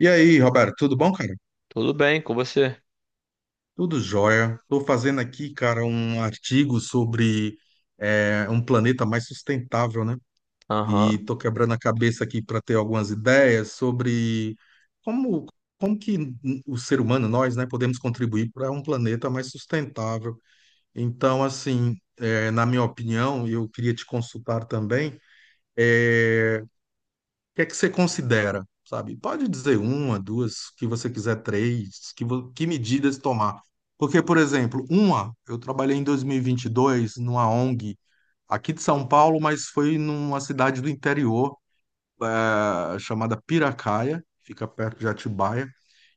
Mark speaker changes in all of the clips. Speaker 1: E aí, Roberto, tudo bom, cara?
Speaker 2: Tudo bem com você?
Speaker 1: Tudo jóia. Estou fazendo aqui, cara, um artigo sobre um planeta mais sustentável, né? E
Speaker 2: Aham,
Speaker 1: estou quebrando a cabeça aqui para ter algumas ideias sobre como, como que o ser humano, nós, né, podemos contribuir para um planeta mais sustentável. Então, assim, na minha opinião, eu queria te consultar também é, que é que você considera, sabe? Pode dizer uma, duas, que você quiser três, que, que medidas tomar. Porque, por exemplo, uma, eu trabalhei em 2022 numa ONG aqui de São Paulo, mas foi numa cidade do interior, chamada Piracaia, fica perto de Atibaia.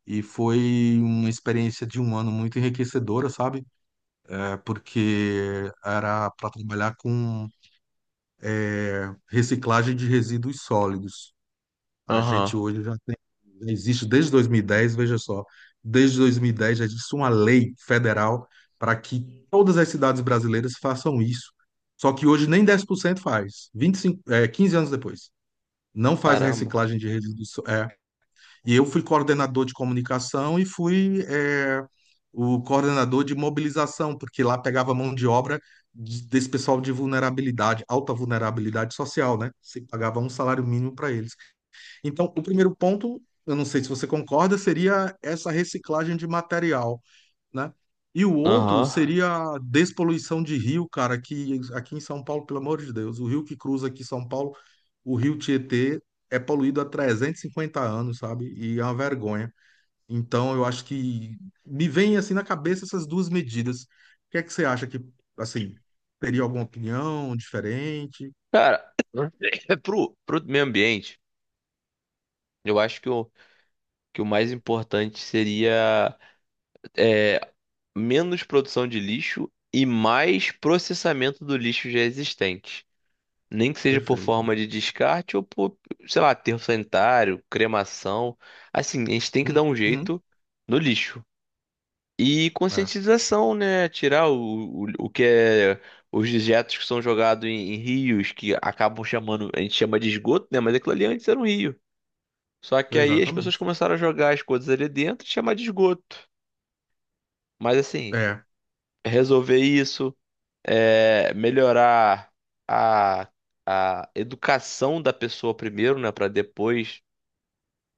Speaker 1: E foi uma experiência de um ano muito enriquecedora, sabe? É porque era para trabalhar com reciclagem de resíduos sólidos. A
Speaker 2: aham.
Speaker 1: gente hoje já Já existe desde 2010, veja só, desde 2010 já existe uma lei federal para que todas as cidades brasileiras façam isso. Só que hoje nem 10% faz, 25, 15 anos depois. Não faz
Speaker 2: Caramba.
Speaker 1: reciclagem de resíduos. É. E eu fui coordenador de comunicação e fui, o coordenador de mobilização, porque lá pegava mão de obra desse pessoal de vulnerabilidade, alta vulnerabilidade social, né? Se pagava um salário mínimo para eles. Então, o primeiro ponto, eu não sei se você concorda, seria essa reciclagem de material, né? E o outro
Speaker 2: Aham.
Speaker 1: seria a despoluição de rio, cara, que aqui em São Paulo, pelo amor de Deus, o rio que cruza aqui São Paulo, o rio Tietê, é poluído há 350 anos, sabe? E é uma vergonha. Então, eu acho que me vem assim na cabeça essas duas medidas. O que é que você acha que, assim, teria alguma opinião diferente?
Speaker 2: Cara, é pro meio ambiente, eu acho que que o mais importante seria, é, menos produção de lixo e mais processamento do lixo já existente. Nem que seja por
Speaker 1: Perfeito.
Speaker 2: forma de descarte ou por, sei lá, aterro sanitário, cremação. Assim, a gente tem que dar um
Speaker 1: Uhum.
Speaker 2: jeito no lixo. E
Speaker 1: É,
Speaker 2: conscientização, né? Tirar o que é os dejetos que são jogados em rios, que acabam chamando, a gente chama de esgoto, né? Mas aquilo ali antes era um rio. Só que aí as pessoas
Speaker 1: exatamente.
Speaker 2: começaram a jogar as coisas ali dentro e chamar de esgoto. Mas assim,
Speaker 1: É.
Speaker 2: resolver isso, é, melhorar a, a educação da pessoa primeiro, né? Para depois.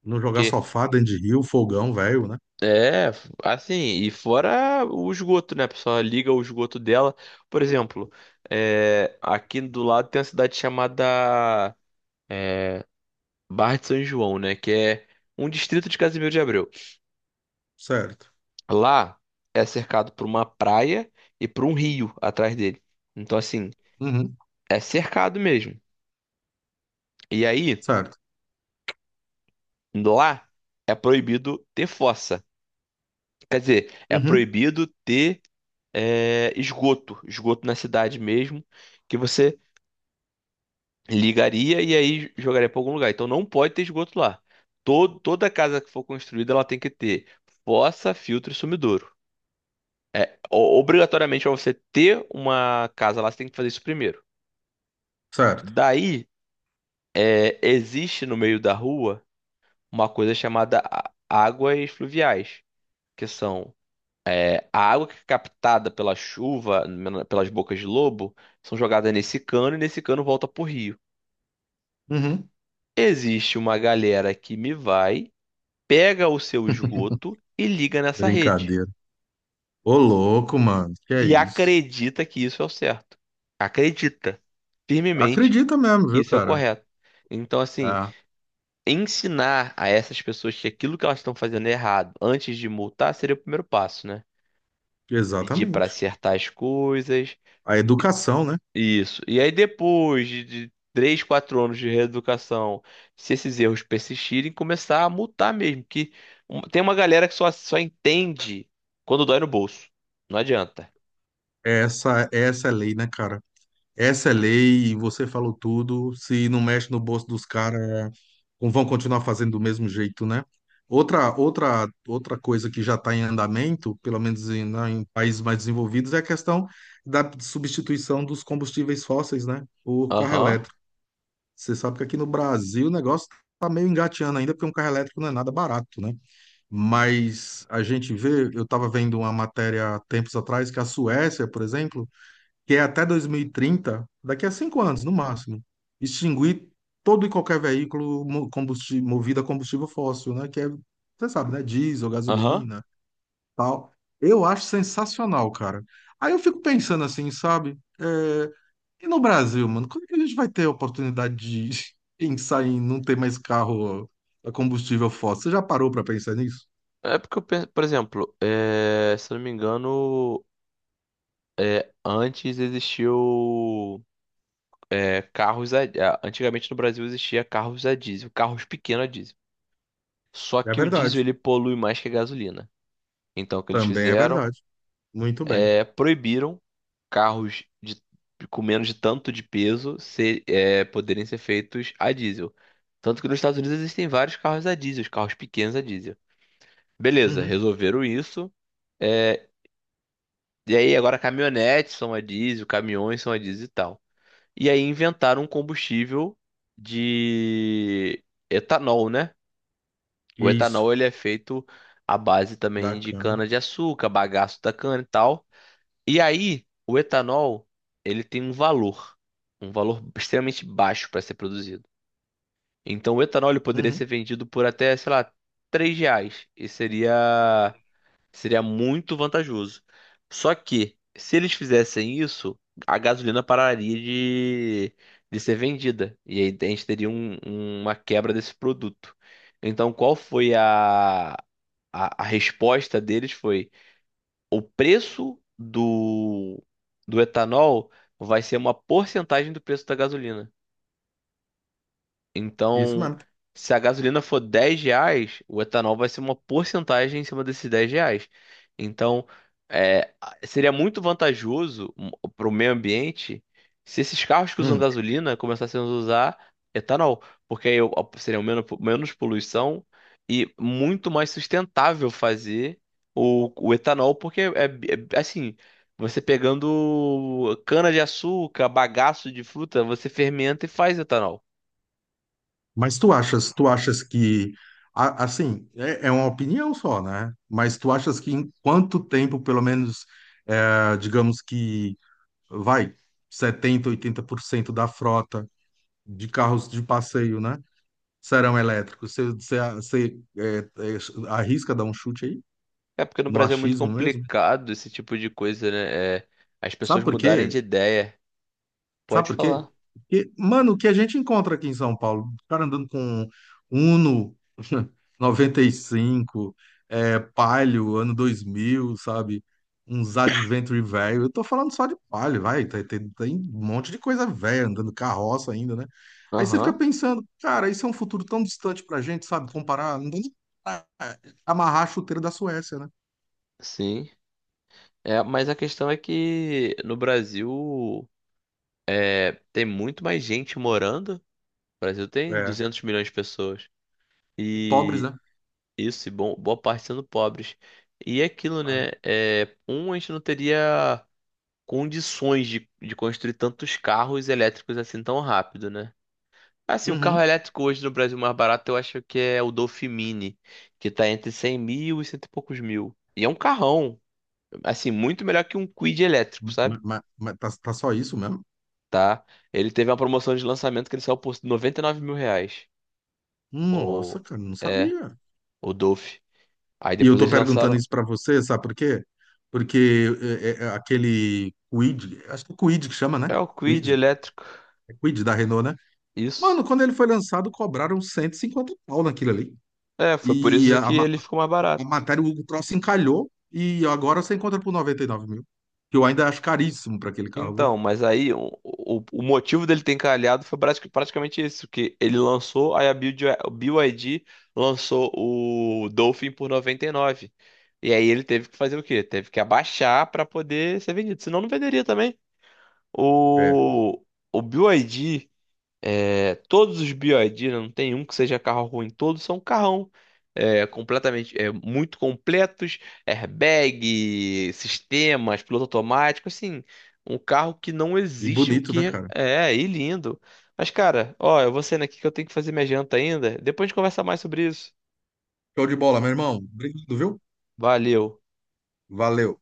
Speaker 1: Não jogar sofá, dentro de rio, fogão, velho, né?
Speaker 2: É, assim, e fora o esgoto, né? A pessoa liga o esgoto dela. Por exemplo, aqui do lado tem uma cidade chamada Barra de São João, né? Que é um distrito de Casimiro de Abreu.
Speaker 1: Certo.
Speaker 2: Lá é cercado por uma praia e por um rio atrás dele. Então, assim,
Speaker 1: Uhum.
Speaker 2: é cercado mesmo. E aí,
Speaker 1: Certo.
Speaker 2: lá é proibido ter fossa. Quer dizer, é
Speaker 1: Uhum.
Speaker 2: proibido ter, esgoto, esgoto na cidade mesmo. Que você ligaria e aí jogaria para algum lugar. Então não pode ter esgoto lá. Toda casa que for construída, ela tem que ter fossa, filtro e sumidouro. Obrigatoriamente, para você ter uma casa lá, você tem que fazer isso primeiro.
Speaker 1: Certo.
Speaker 2: Daí, existe no meio da rua uma coisa chamada águas fluviais, que são a água que é captada pela chuva, pelas bocas de lobo, são jogadas nesse cano e nesse cano volta pro rio.
Speaker 1: Uhum.
Speaker 2: Existe uma galera que me vai pega o seu esgoto e liga nessa rede.
Speaker 1: Brincadeira. Ô, louco, mano. Que é
Speaker 2: E
Speaker 1: isso?
Speaker 2: acredita que isso é o certo. Acredita firmemente
Speaker 1: Acredita mesmo,
Speaker 2: que
Speaker 1: viu,
Speaker 2: isso é o
Speaker 1: cara?
Speaker 2: correto. Então, assim,
Speaker 1: Ah,
Speaker 2: ensinar a essas pessoas que aquilo que elas estão fazendo é errado antes de multar seria o primeiro passo, né? Pedir para
Speaker 1: exatamente.
Speaker 2: acertar as coisas.
Speaker 1: A educação, né?
Speaker 2: Isso. E aí, depois de 3, 4 anos de reeducação, se esses erros persistirem, começar a multar mesmo. Que um- tem uma galera que só entende quando dói no bolso. Não adianta.
Speaker 1: Essa é a lei, né, cara? Essa é lei e você falou tudo. Se não mexe no bolso dos caras, vão continuar fazendo do mesmo jeito, né? Outra coisa que já está em andamento, pelo menos em, né, em países mais desenvolvidos, é a questão da substituição dos combustíveis fósseis, né, por carro
Speaker 2: Aham,
Speaker 1: elétrico. Você sabe que aqui no Brasil o negócio está meio engateando ainda, porque um carro elétrico não é nada barato, né? Mas a gente vê, eu estava vendo uma matéria há tempos atrás que a Suécia, por exemplo, que é até 2030, daqui a 5 anos, no máximo, extinguir todo e qualquer veículo combustível, movido a combustível fóssil, né? Que é, você sabe, né? Diesel,
Speaker 2: aham.
Speaker 1: gasolina, tal. Eu acho sensacional, cara. Aí eu fico pensando assim, sabe? E no Brasil, mano, quando que a gente vai ter a oportunidade de pensar em não ter mais carro a combustível fóssil? Você já parou para pensar nisso?
Speaker 2: É porque, eu penso, por exemplo, se eu não me engano, antes existiu é, carros a- antigamente no Brasil existia carros a diesel, carros pequenos a diesel. Só
Speaker 1: É
Speaker 2: que o
Speaker 1: verdade.
Speaker 2: diesel ele polui mais que a gasolina. Então o que eles
Speaker 1: Também é
Speaker 2: fizeram
Speaker 1: verdade. Muito bem.
Speaker 2: é proibiram carros com menos de tanto de peso ser, é, poderem ser feitos a diesel. Tanto que nos Estados Unidos existem vários carros a diesel, os carros pequenos a diesel. Beleza,
Speaker 1: Uhum.
Speaker 2: resolveram isso. eh, E aí agora caminhonetes são a diesel, caminhões são a diesel e tal. E aí inventaram um combustível de etanol, né? O
Speaker 1: Isso.
Speaker 2: etanol ele é feito à base também de
Speaker 1: Bacana.
Speaker 2: cana-de-açúcar, bagaço da cana e tal. E aí o etanol ele tem um valor extremamente baixo para ser produzido. Então o etanol ele poderia ser
Speaker 1: Uhum.
Speaker 2: vendido por até, sei lá, R$ 3. E seria muito vantajoso. Só que, se eles fizessem isso, a gasolina pararia de ser vendida. E aí a gente teria uma quebra desse produto. Então, qual foi a resposta deles? Foi o preço do etanol vai ser uma porcentagem do preço da gasolina.
Speaker 1: Isso
Speaker 2: Então,
Speaker 1: mesmo.
Speaker 2: se a gasolina for R$ 10, o etanol vai ser uma porcentagem em cima desses R$ 10. Então, é, seria muito vantajoso para o meio ambiente se esses carros que usam
Speaker 1: Hum.
Speaker 2: gasolina começassem a usar etanol, porque aí ó, seria menos, menos poluição e muito mais sustentável fazer o etanol, porque assim. Você pegando cana de açúcar, bagaço de fruta, você fermenta e faz etanol.
Speaker 1: Mas tu achas que, assim, é uma opinião só, né? Mas tu achas que em quanto tempo, pelo menos, digamos que, vai, 70 ou 80% da frota de carros de passeio, né, serão elétricos? Você arrisca dar um chute aí?
Speaker 2: É porque no
Speaker 1: No
Speaker 2: Brasil é muito
Speaker 1: achismo mesmo?
Speaker 2: complicado esse tipo de coisa, né? É, as pessoas
Speaker 1: Sabe por
Speaker 2: mudarem
Speaker 1: quê?
Speaker 2: de ideia.
Speaker 1: Sabe
Speaker 2: Pode
Speaker 1: por quê?
Speaker 2: falar.
Speaker 1: Porque, mano, o que a gente encontra aqui em São Paulo, o cara andando com Uno 95 Palio, ano 2000 sabe? Uns Adventure velho. Eu tô falando só de Palio, vai. Tem um monte de coisa velha andando carroça ainda, né? Aí você fica
Speaker 2: Aham,
Speaker 1: pensando, cara, isso é um futuro tão distante pra gente, sabe? Comparar, não tem nem pra amarrar a chuteira da Suécia, né?
Speaker 2: sim. É, mas a questão é que no Brasil, tem muito mais gente morando. O Brasil tem
Speaker 1: É.
Speaker 2: 200 milhões de pessoas.
Speaker 1: E pobres,
Speaker 2: E
Speaker 1: né?
Speaker 2: isso, e bom, boa parte sendo pobres. E é aquilo,
Speaker 1: É.
Speaker 2: né? É, a gente não teria condições de construir tantos carros elétricos assim tão rápido, né? Assim, o carro
Speaker 1: Uhum.
Speaker 2: elétrico hoje no Brasil mais barato eu acho que é o Dolphin Mini, que tá entre 100 mil e cento e poucos mil. E é um carrão, assim, muito melhor que um Kwid elétrico, sabe?
Speaker 1: Mas tá, tá só isso mesmo?
Speaker 2: Tá? Ele teve uma promoção de lançamento que ele saiu por R$ 99 mil. O,
Speaker 1: Nossa, cara, não
Speaker 2: é,
Speaker 1: sabia.
Speaker 2: o Dolphin. Aí
Speaker 1: E eu
Speaker 2: depois
Speaker 1: tô
Speaker 2: eles
Speaker 1: perguntando
Speaker 2: lançaram,
Speaker 1: isso pra você, sabe por quê? Porque é aquele Kwid, acho que é Kwid que chama,
Speaker 2: é
Speaker 1: né?
Speaker 2: o Kwid
Speaker 1: Kwid,
Speaker 2: elétrico.
Speaker 1: é Kwid da Renault, né?
Speaker 2: Isso.
Speaker 1: Mano, quando ele foi lançado, cobraram 150 pau naquilo ali.
Speaker 2: É, foi por
Speaker 1: E
Speaker 2: isso que ele ficou mais
Speaker 1: a
Speaker 2: barato.
Speaker 1: matéria, o troço encalhou e agora você encontra por 99 mil. Que eu ainda acho caríssimo pra aquele carro, viu?
Speaker 2: Então, mas aí o motivo dele ter encalhado foi praticamente isso, que ele lançou, aí a BYD lançou o Dolphin por 99, e aí ele teve que fazer o quê? Teve que abaixar para poder ser vendido, senão não venderia também.
Speaker 1: É.
Speaker 2: O, o BYD, todos os BYD, né, não tem um que seja carro ruim, todos são carrão. Completamente, muito completos, airbag, sistemas, piloto automático, assim, um carro que não
Speaker 1: E
Speaker 2: existe o
Speaker 1: bonito, né,
Speaker 2: que
Speaker 1: cara?
Speaker 2: é, e lindo. Mas, cara, ó, eu vou saindo aqui que eu tenho que fazer minha janta ainda. Depois a gente conversa mais sobre isso.
Speaker 1: Show de bola, meu irmão. Obrigado, viu?
Speaker 2: Valeu.
Speaker 1: Valeu.